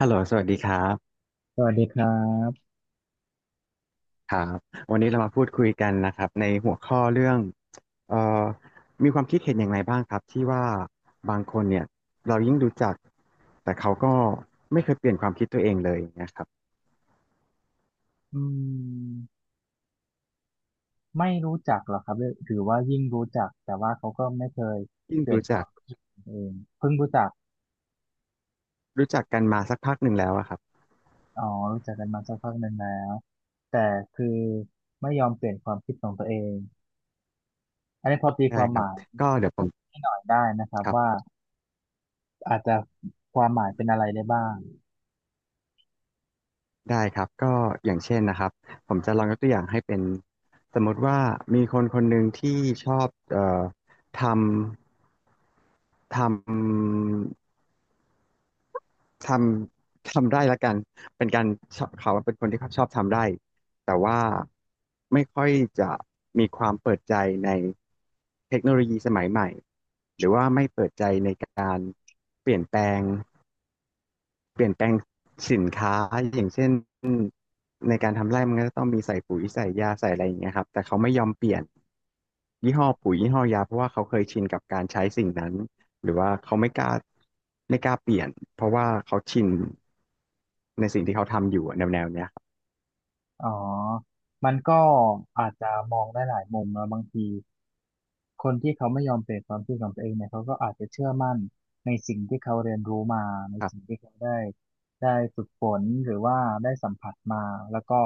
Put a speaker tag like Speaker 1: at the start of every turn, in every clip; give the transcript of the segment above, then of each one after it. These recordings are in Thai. Speaker 1: ฮัลโหลสวัสดีครับ
Speaker 2: สวัสดีครับ
Speaker 1: ครับวันนี้เรามาพูดคุยกันนะครับในหัวข้อเรื่องเอ่อมีความคิดเห็นอย่างไรบ้างครับที่ว่าบางคนเนี่ยเรายิ่งรู้จักแต่เขาก็ไม่เคยเปลี่ยนความคิดตัวเองเลยอย่างเงี้ยครับ
Speaker 2: อืมไม่รู้จักหรอกครับหรือว่ายิ่งรู้จักแต่ว่าเขาก็ไม่เคย
Speaker 1: ยิ่ง
Speaker 2: เปลี่ยน
Speaker 1: รู้
Speaker 2: ค
Speaker 1: จั
Speaker 2: วา
Speaker 1: ก
Speaker 2: มเิดเองเพิ่งรู้จัก
Speaker 1: กันมาสักพักหนึ่งแล้วอะครับ
Speaker 2: อ๋อรู้จักกันมาสักพักหนึ่งแล้วแต่คือไม่ยอมเปลี่ยนความคิดของตัวเอง อันนี้พอตีค
Speaker 1: ได้
Speaker 2: วาม
Speaker 1: ค
Speaker 2: ห
Speaker 1: รับ
Speaker 2: มาย
Speaker 1: ก็เดี๋ยวผม
Speaker 2: ให้หน่อยได้นะครับ
Speaker 1: ครับ
Speaker 2: ว่าอาจจะความหมายเป็นอะไรได้บ้าง
Speaker 1: ได้ครับก็อย่างเช่นนะครับผมจะลองยกตัวอย่างให้เป็นสมมติว่ามีคนคนหนึ่งที่ชอบทำทำ ทำ ทำได้ละกัน เป็นการชอบเขาเป็นคนที่ชอบทำได้ แต่ว่าไม่ค่อยจะมีความเปิดใจในเทคโนโลยีสมัยใหม่ หรือว่าไม่เปิดใจในการเปลี่ยนแปลง เปลี่ยนแปลงสินค้าอย่างเช่นในการทำไร่มันก็ต้องมีใส่ปุ๋ยใส่ยาใส่อะไรอย่างเงี้ยครับแต่เขาไม่ยอมเปลี่ยนยี่ห้อปุ๋ยยี่ห้อยาเพราะว่าเขาเคยชินกับการใช้สิ่งนั้นหรือว่าเขาไม่กล้าไม่กล้าเปลี่ยนเพราะว่าเขาชินในสิ่งที่เขาทำอยู่อะแนวแนวเนี้ยครับ
Speaker 2: อ๋อมันก็อาจจะมองได้หลายมุมนะบางที คนที่เขาไม่ยอมเปลี่ยนความคิดของตัวเองเนี่ยเขาก็อาจจะเชื่อมั่นในสิ่งที่เขาเรียนรู้มาใน
Speaker 1: ครั
Speaker 2: สิ่ง
Speaker 1: บ
Speaker 2: ที่เขาได้ฝึกฝนหรือว่าได้สัมผัสมาแล้วก็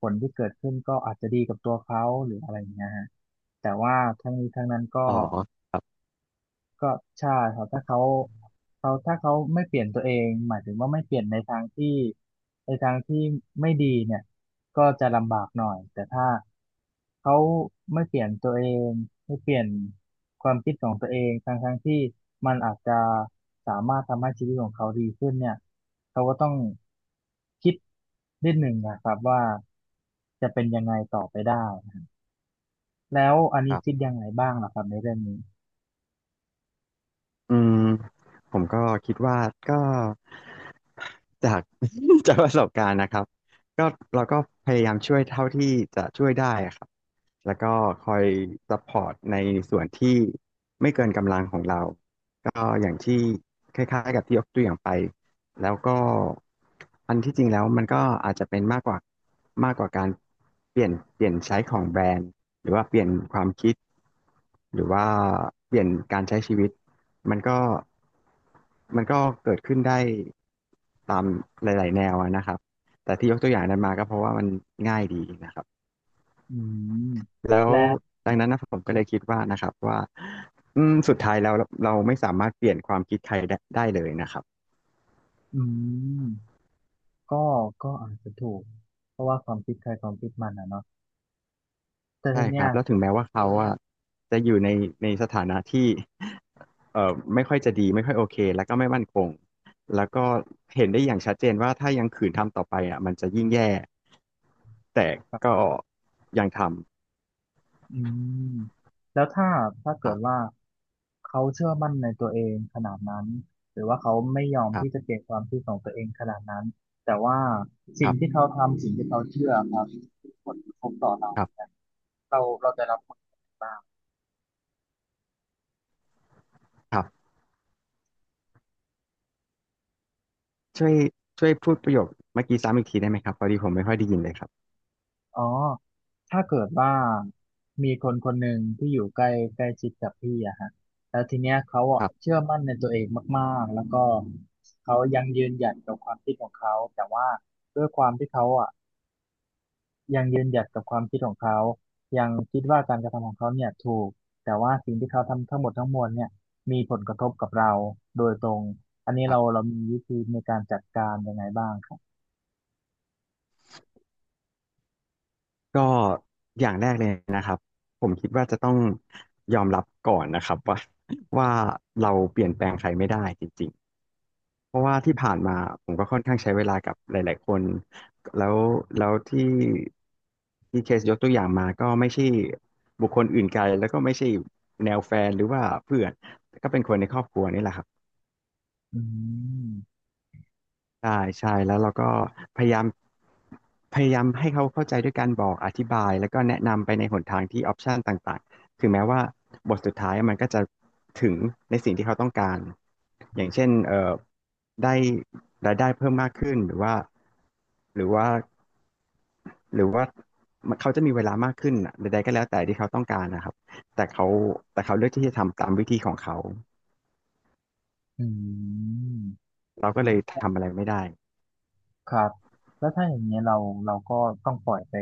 Speaker 2: ผลที่เกิดขึ้นก็อาจจะดีกับตัวเขาหรืออะไรอย่างเงี้ยฮะแต่ว่าทั้งนี้ทั้งนั้นก็
Speaker 1: อ๋อครับ
Speaker 2: ก็ใช่ครับถ้าเขาถ้าเขาไม่เปลี่ยนตัวเองหมายถึงว่าไม่เปลี่ยนในทางที่ในทางที่ไม่ดีเนี่ยก็จะลำบากหน่อย แต่ถ้าเขาไม่เปลี่ยนตัวเองไม่เปลี่ยนความคิดของตัวเองทั้งที่มันอาจจะสามารถทำให้ชีวิตของเขาดีขึ้นเนี่ยเขาก็ต้องคิดนิดหนึ่งนะครับว่าจะเป็นยังไงต่อไปได้แล้วอัน
Speaker 1: ค
Speaker 2: นี้
Speaker 1: รั
Speaker 2: คิด
Speaker 1: บ
Speaker 2: ยังไงบ้างล่ะครับในเรื่องนี้
Speaker 1: อืมผมก็คิดว่าก็จาก จากประสบการณ์นะครับก็เราก็พยายามช่วยเท่าที่จะช่วยได้ครับ แล้วก็คอยซัพพอร์ตในส่วนที่ไม่เกินกำลังของเราก็อย่างที่คล้ายๆกับที่ยกตัวอย่างไปแล้วก็อันที่จริงแล้วมันก็อาจจะเป็นมากกว่ามากกว่าการเปลี่ยนเปลี่ยนใช้ของแบรนด์หรือว่าเปลี่ยนความคิดหรือว่าเปลี่ยนการใช้ชีวิตมันก็มันก็เกิดขึ้นได้ตามหลายๆแนวอะนะครับแต่ที่ยกตัวอย่างนั้นมาก็เพราะว่ามันง่ายดีนะครับ
Speaker 2: อืม
Speaker 1: แล้ว
Speaker 2: และ
Speaker 1: ดังนั้นนะผมก็เลยคิดว่านะครับว่าสุดท้ายแล้วเราไม่สามารถเปลี่ยนความคิดใครได้เลยนะครับ
Speaker 2: อืมก็อาจจะถูกเพราะว่าความคิดใครความคิดมันอ่ะเนาะแต่
Speaker 1: ใช่
Speaker 2: ที
Speaker 1: ค
Speaker 2: เนี้
Speaker 1: รั
Speaker 2: ย
Speaker 1: บแล้วถึงแม้ว่าเขาอะจะอยู่ในสถานะที่ไม่ค่อยจะดีไม่ค่อยโอเคแล้วก็ไม่มั่นคงแล้วก็เห็นได้อย่างชัดเจนว่าถ้ายังขืนทำต่อไปอ่ะมันจะยิ่งแย่แต่
Speaker 2: แบบ
Speaker 1: ก็ยังทำ
Speaker 2: อืมแล้วถ้าถ้า
Speaker 1: ค
Speaker 2: เกิ
Speaker 1: รั
Speaker 2: ดว่า
Speaker 1: บ
Speaker 2: เขาเชื่อมั่นในตัวเองขนาดนั้นหรือว่าเขาไม่ยอม
Speaker 1: ครั
Speaker 2: ที่จะ
Speaker 1: บ
Speaker 2: เปลี่ยนความคิดของตัวเองขนาดนั้นแต่ว่า
Speaker 1: ค
Speaker 2: สิ่ง
Speaker 1: รับ
Speaker 2: ที่เขาทำสิ่งที่เขาเชื่อครับมีผลกระทบต่อเรา
Speaker 1: ครั
Speaker 2: เนี่ย
Speaker 1: บ
Speaker 2: เราจะรับผลยังไงบ้าง
Speaker 1: ครับช่วยช่วยพูดประโยคเมื่อกี้ซ้ำอีกทีได้ไหมครับพอดีผมไม่ค่อยได้ยินเลยครับ
Speaker 2: อ๋อถ้าเกิดว่ามีคนคนหนึ่งที่อยู่ใกล้ใกล้ชิดกับพี่อะฮะแล้วทีเนี้ยเขาอะ
Speaker 1: ครับ
Speaker 2: เชื่อมั่นในตัวเองมากๆแล้วก็เขายังยืนหยัดกับความคิดของเขาแต่ว่าด้วยความที่เขาอะยังยืนหยัดกับความคิดของเขายังคิดว่าการกระทำของเขาเนี่ยถูกแต่ว่าสิ่งที่เขาทำทั้งหมดทั้งมวลเนี่ยมีผลกระทบกับเราโดยตรงอันนี้
Speaker 1: ครั
Speaker 2: เรา
Speaker 1: บ
Speaker 2: เรามีวิธีในการจัดการยังไงบ้างครับ
Speaker 1: ก็อย่างแรกเลยนะครับผมคิดว่าจะต้องยอมรับก่อนนะครับว่า ว่าเราเปลี่ยนแปลงใครไม่ได้จริงๆเพราะว่าที่ผ่านมาผมก็ค่อนข้างใช้เวลากับหลายๆคนแล้วแล้วที่ที่เคสยกตัวอย่างมาก็ไม่ใช่บุคคลอื่นไกลแล้วก็ไม่ใช่แนวแฟนหรือว่าเพื่อนก็เป็นคนในครอบครัวนี่แหละครับ
Speaker 2: อืม
Speaker 1: ใช่ใช่แล้วเราก็พยายามพยายามให้เขาเข้าใจด้วยการบอกอธิบายแล้วก็แนะนำไปในหนทางที่ออปชันต่างๆถึงแม้ว่าบทสุดท้ายมันก็จะถึงในสิ่งที่เขาต้องการอย่างเช่นได้รายได้เพิ่มมากขึ้นหรือว่าหรือว่าหรือว่าเขาจะมีเวลามากขึ้นน่ะใดๆก็แล้วแต่ที่เขาต้องการนะครับแต่เขาแต่เขาเลือกที่จะทำตามวิธีของเขา
Speaker 2: อืม
Speaker 1: เราก็เลยทำอะไรไม่ได้
Speaker 2: ครับแล้วถ้าอย่างเงี้ยเราก็ต้องปล่อยไป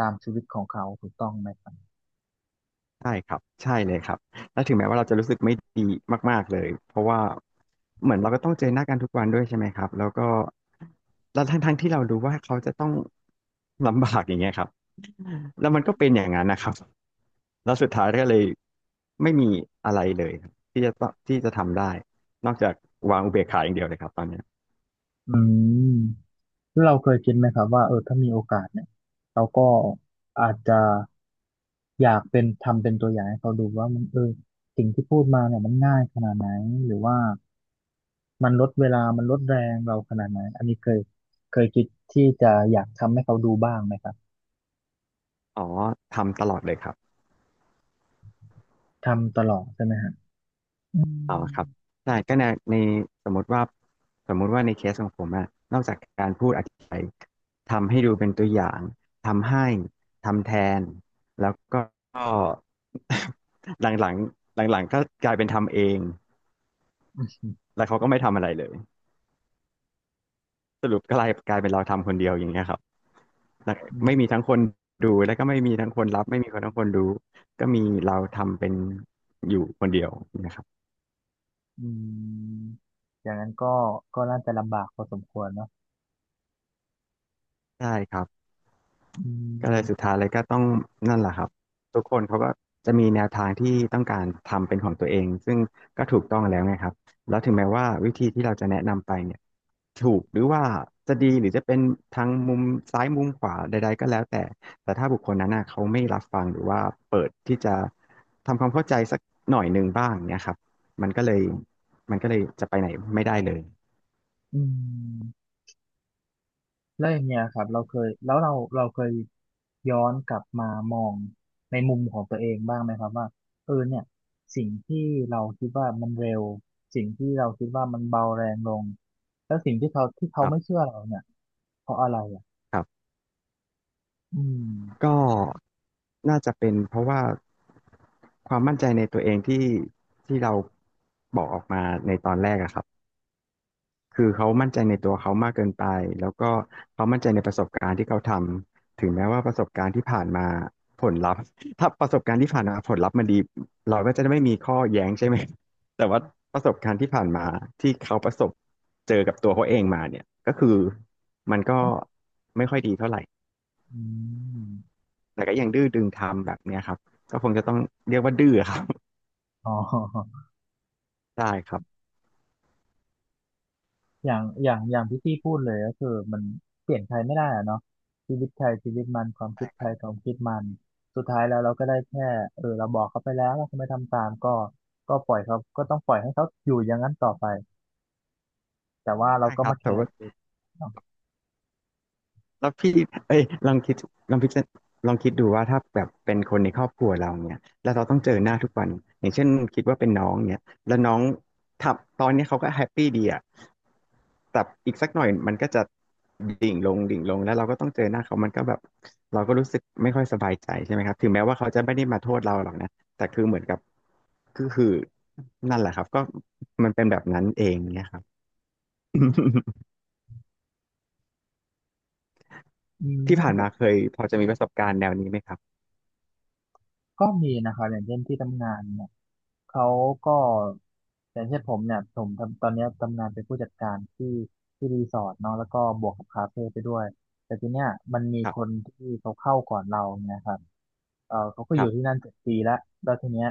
Speaker 2: ตามชีวิตของเขาถูกต้องไหมครับ
Speaker 1: ใช่ครับใช่เลยครับแล้วถึงแม้ว่าเราจะรู้สึกไม่ดีมากๆเลย เพราะว่าเหมือนเราก็ต้องเจอหน้ากันทุกวันด้วยใช่ไหมครับแล้วก็แล้วทั้งทั้งที่เรารู้ว่าเขาจะต้องลำบากอย่างเงี้ยครับแล้วมันก็เป็นอย่างนั้นนะครับแล้วสุดท้ายก็เลยไม่มีอะไรเลยครับที่จะต้องที่จะทำได้ นอกจากวางอุเบกขาอย่างเดียวเลยครับตอนเนี้ย
Speaker 2: อืมแล้วเราเคยคิดไหมครับว่าเออถ้ามีโอกาสเนี่ยเราก็อาจจะอยากเป็นทำเป็นตัวอย่างให้เขาดูว่ามันเออสิ่งที่พูดมาเนี่ยมันง่ายขนาดไหนหรือว่ามันลดเวลามันลดแรงเราขนาดไหนอันนี้เคยคิดที่จะอยากทำให้เขาดูบ้างไหมครับ
Speaker 1: อ๋อทำตลอดเลยครับ
Speaker 2: ทำตลอดใช่ไหมฮะอื
Speaker 1: อ๋อครับใช่ก็ในในสมมติว่าสมมุติว่าในเคสของผมอะนอกจากการพูดอธิบายทำให้ดูเป็นตัวอย่างทำให้ทำแทนแล้วก็ หลังหลังหลังหลังๆก็กลายเป็นทำเองแล้วเขาก็ไม่ทำอะไรเลยสรุปก็กลายเป็นเราทำคนเดียวอย่างเงี้ยครับแล้วไม่
Speaker 2: ม
Speaker 1: มีทั้งคนดูแล้วก็ไม่มีทั้งคนรับไม่มีคนทั้งคนรู้ก็มีเราทำเป็นอยู่คนเดียวนะครับ
Speaker 2: อืมอย่างนั้นก็น่าจะลำบากพอสมควรเนาะ
Speaker 1: ใช่ครับ
Speaker 2: อื
Speaker 1: ก็เลยสุด
Speaker 2: ม
Speaker 1: ท้ายเลยก็ต้องนั่นแหละครับทุกคนเขาก็จะมีแนวทางที่ต้องการทำเป็นของตัวเองซึ่งก็ถูกต้องแล้วไงครับแล้วถึงแม้ว่าวิธีที่เราจะแนะนำไปเนี่ยถูกหรือว่าจะดีหรือจะเป็นทางมุมซ้ายมุมขวาใดๆก็แล้วแต่แต่ถ้าบุคคลนั้นน่ะเขาไม่รับฟังหรือว่าเปิดที่จะทำความเข้าใจสักหน่อยหนึ่งบ้างเนี่ยครับมันก็เลยมันก็เลยจะไปไหนไม่ได้เลย
Speaker 2: อืมแล้วอย่างเงี้ยครับเราเคยแล้วเราเคยย้อนกลับมามองในมุมของตัวเองบ้างไหมครับว่าเออเนี่ยสิ่งที่เราคิดว่ามันเร็วสิ่งที่เราคิดว่ามันเบาแรงลงแล้วสิ่งที่เขาที่
Speaker 1: ค
Speaker 2: เขา
Speaker 1: รั
Speaker 2: ไม่
Speaker 1: บ
Speaker 2: เชื่อเราเนี่ยเพราะอะไรอ่ะ
Speaker 1: ครับ
Speaker 2: อืม
Speaker 1: ก็น่าจะเป็นเพราะว่าความมั่นใจในตัวเองที่เราบอกออกมาในตอนแรกอะครับคือเขามั่นใจในตัวเขามากเกินไปแล้วก็เขามั่นใจในประสบการณ์ที่เขาทำถึงแม้ว่าประสบการณ์ที่ผ่านมาผลลัพธ์ถ้าประสบการณ์ที่ผ่านมาผลลัพธ์มันดีเราก็จะไม่มีข้อแย้งใช่ไหมแต่ว่าประสบการณ์ที่ผ่านมาที่เขาประสบเจอกับตัวเขาเองมาเนี่ยก็คือมันก็ไม่ค่อยดีเท่าไหร่
Speaker 2: อืม
Speaker 1: แต่ก็ยังดื้อดึงทำแบบเนี้ยครับก็คงจะต้องเรียกว่าดื้อครับ
Speaker 2: อ๋อ
Speaker 1: ได้ครับ
Speaker 2: อย่างที่พี่พูดเลยก็คือมันเปลี่ยนใครไม่ได้อะเนาะชีวิตใครชีวิตมันความคิดใครความคิดมันสุดท้ายแล้วเราก็ได้แค่เออเราบอกเขาไปแล้วว่าเขาไม่ทำตามก็ปล่อยเขาก็ต้องปล่อยให้เขาอยู่อย่างนั้นต่อไปแต่ว่าเรา
Speaker 1: ใช่
Speaker 2: ก็
Speaker 1: ครับ
Speaker 2: มาแค
Speaker 1: แต่
Speaker 2: ร์
Speaker 1: ว่า
Speaker 2: ตัวเองเนาะ
Speaker 1: แล้วพี่เอ้ยลองคิดลองพิจารลองคิดดูว่าถ้าแบบเป็นคนในครอบครัวเราเนี่ยแล้วเราต้องเจอหน้าทุกวันอย่างเช่นคิดว่าเป็นน้องเนี่ยแล้วน้องทับตอนเนี้ยเขาก็แฮปปี้ดีอะแต่อีกสักหน่อยมันก็จะดิ่งลงดิ่งลงแล้วเราก็ต้องเจอหน้าเขามันก็แบบเราก็รู้สึกไม่ค่อยสบายใจใช่ไหมครับถึงแม้ว่าเขาจะไม่ได้มาโทษเราหรอกนะแต่คือเหมือนกับคือนั่นแหละครับก็มันเป็นแบบนั้นเองเนี่ยครับ
Speaker 2: อืม
Speaker 1: ที่
Speaker 2: เรื่อง
Speaker 1: ผ่าน
Speaker 2: แบ
Speaker 1: มา
Speaker 2: บ
Speaker 1: เคยพอจะมีประสบการณ์แนวนี้ไหมครับ
Speaker 2: ก็มีนะคะอย่างเช่นที่ทำงานเนี่ย เขาก็อย่างเช่นผมเนี่ยผมทำตอนเนี้ยทำงานเป็นผู้จัดการที่รีสอร์ทเนาะแล้วก็บวกกับคาเฟ่ไปด้วยแต่ทีเนี้ยมันมี
Speaker 1: ครั
Speaker 2: คน
Speaker 1: บ
Speaker 2: ที่เขาเข้าก่อนเราเนี่ยครับเออเขาก็
Speaker 1: ค
Speaker 2: อ
Speaker 1: รั
Speaker 2: ยู่ที่
Speaker 1: บ
Speaker 2: นั่น7 ปีแล้วแล้วทีเนี้ย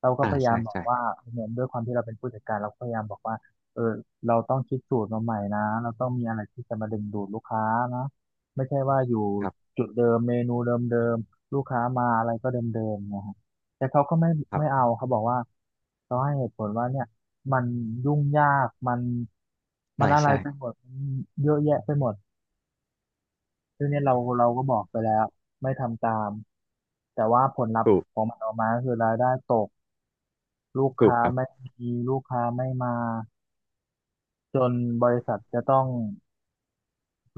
Speaker 2: เราก็
Speaker 1: อ่า
Speaker 2: พยายา
Speaker 1: ใช่
Speaker 2: มบอก
Speaker 1: ใช่
Speaker 2: ว่าเนี่ยด้วยความที่เราเป็นผู้จัดการเราก็พยายามบอกว่าเออเราต้องคิดสูตรมาใหม่นะเราต้องมีอะไรที่จะมาดึงดูดลูกค้านะไม่ใช่ว่าอยู่
Speaker 1: ครับ
Speaker 2: จุดเดิมเมนูเดิมๆลูกค้ามาอะไรก็เดิมๆเนะ แต่เขาก็ไม่
Speaker 1: ครั
Speaker 2: ไม่
Speaker 1: บ
Speaker 2: เอาเขาบอกว่าเขาให้เหตุผลว่าเนี่ยมันยุ่งยากมันมัน
Speaker 1: ใช่
Speaker 2: อะไร
Speaker 1: ใช่
Speaker 2: ไปหมดมันเยอะแยะไปหมดซึ่งเนี่ยเราก็บอกไปแล้วไม่ทำตามแต่ว่าผลลัพธ์
Speaker 1: ถูก
Speaker 2: ของมันออกมาก็คือรายได้ตกลูก
Speaker 1: ถูก
Speaker 2: ค้า
Speaker 1: ครับ
Speaker 2: ไม่มีลูกค้าไม่มาจนบริษัทจะต้อง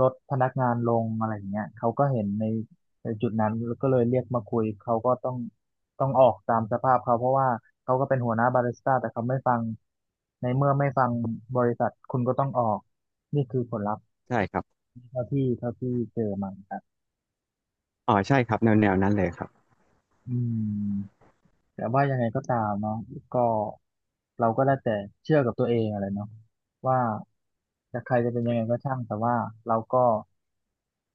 Speaker 2: ลดพนักงานลงอะไรอย่างเงี้ยเขาก็เห็นในจุดนั้นแล้วก็เลยเรียกมาคุยเขาก็ต้องออกตามสภาพเขาเพราะว่าเขาก็เป็นหัวหน้าบาริสต้าแต่เขาไม่ฟังในเมื่อไม่ฟังบริษัทคุณก็ต้องออกนี่คือผลลัพธ์
Speaker 1: ใช่ครับ
Speaker 2: เท่าที่เจอมาครับ
Speaker 1: อ๋อใช่ครับแนวแนวนั้นเลยครับ
Speaker 2: อืมแต่ว่ายังไงก็ตามเนาะก็เราก็ได้แต่เชื่อกับตัวเองอะไรเนาะว่าจะใครจะเป็นยังไงก็ช่างแต่ว่าเราก็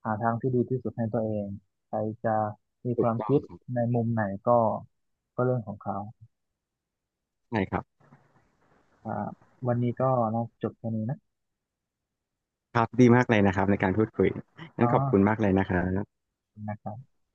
Speaker 2: หาทางที่ดีที่สุดให้ตัวเองใครจะมีค
Speaker 1: ถูก
Speaker 2: วาม
Speaker 1: ต้อง
Speaker 2: คิด
Speaker 1: ครับ
Speaker 2: ในมุมไหนก็เรื่องของเขา
Speaker 1: ใช่ครับ
Speaker 2: อ่าวันนี้ก็น่าจะจบแค่นี้นะ
Speaker 1: ครับดีมากเลยนะครับในการพูดคุย
Speaker 2: อ๋
Speaker 1: งั้นขอบคุณ
Speaker 2: อ
Speaker 1: มากเลยนะครับ
Speaker 2: ขอบคุณนะครับ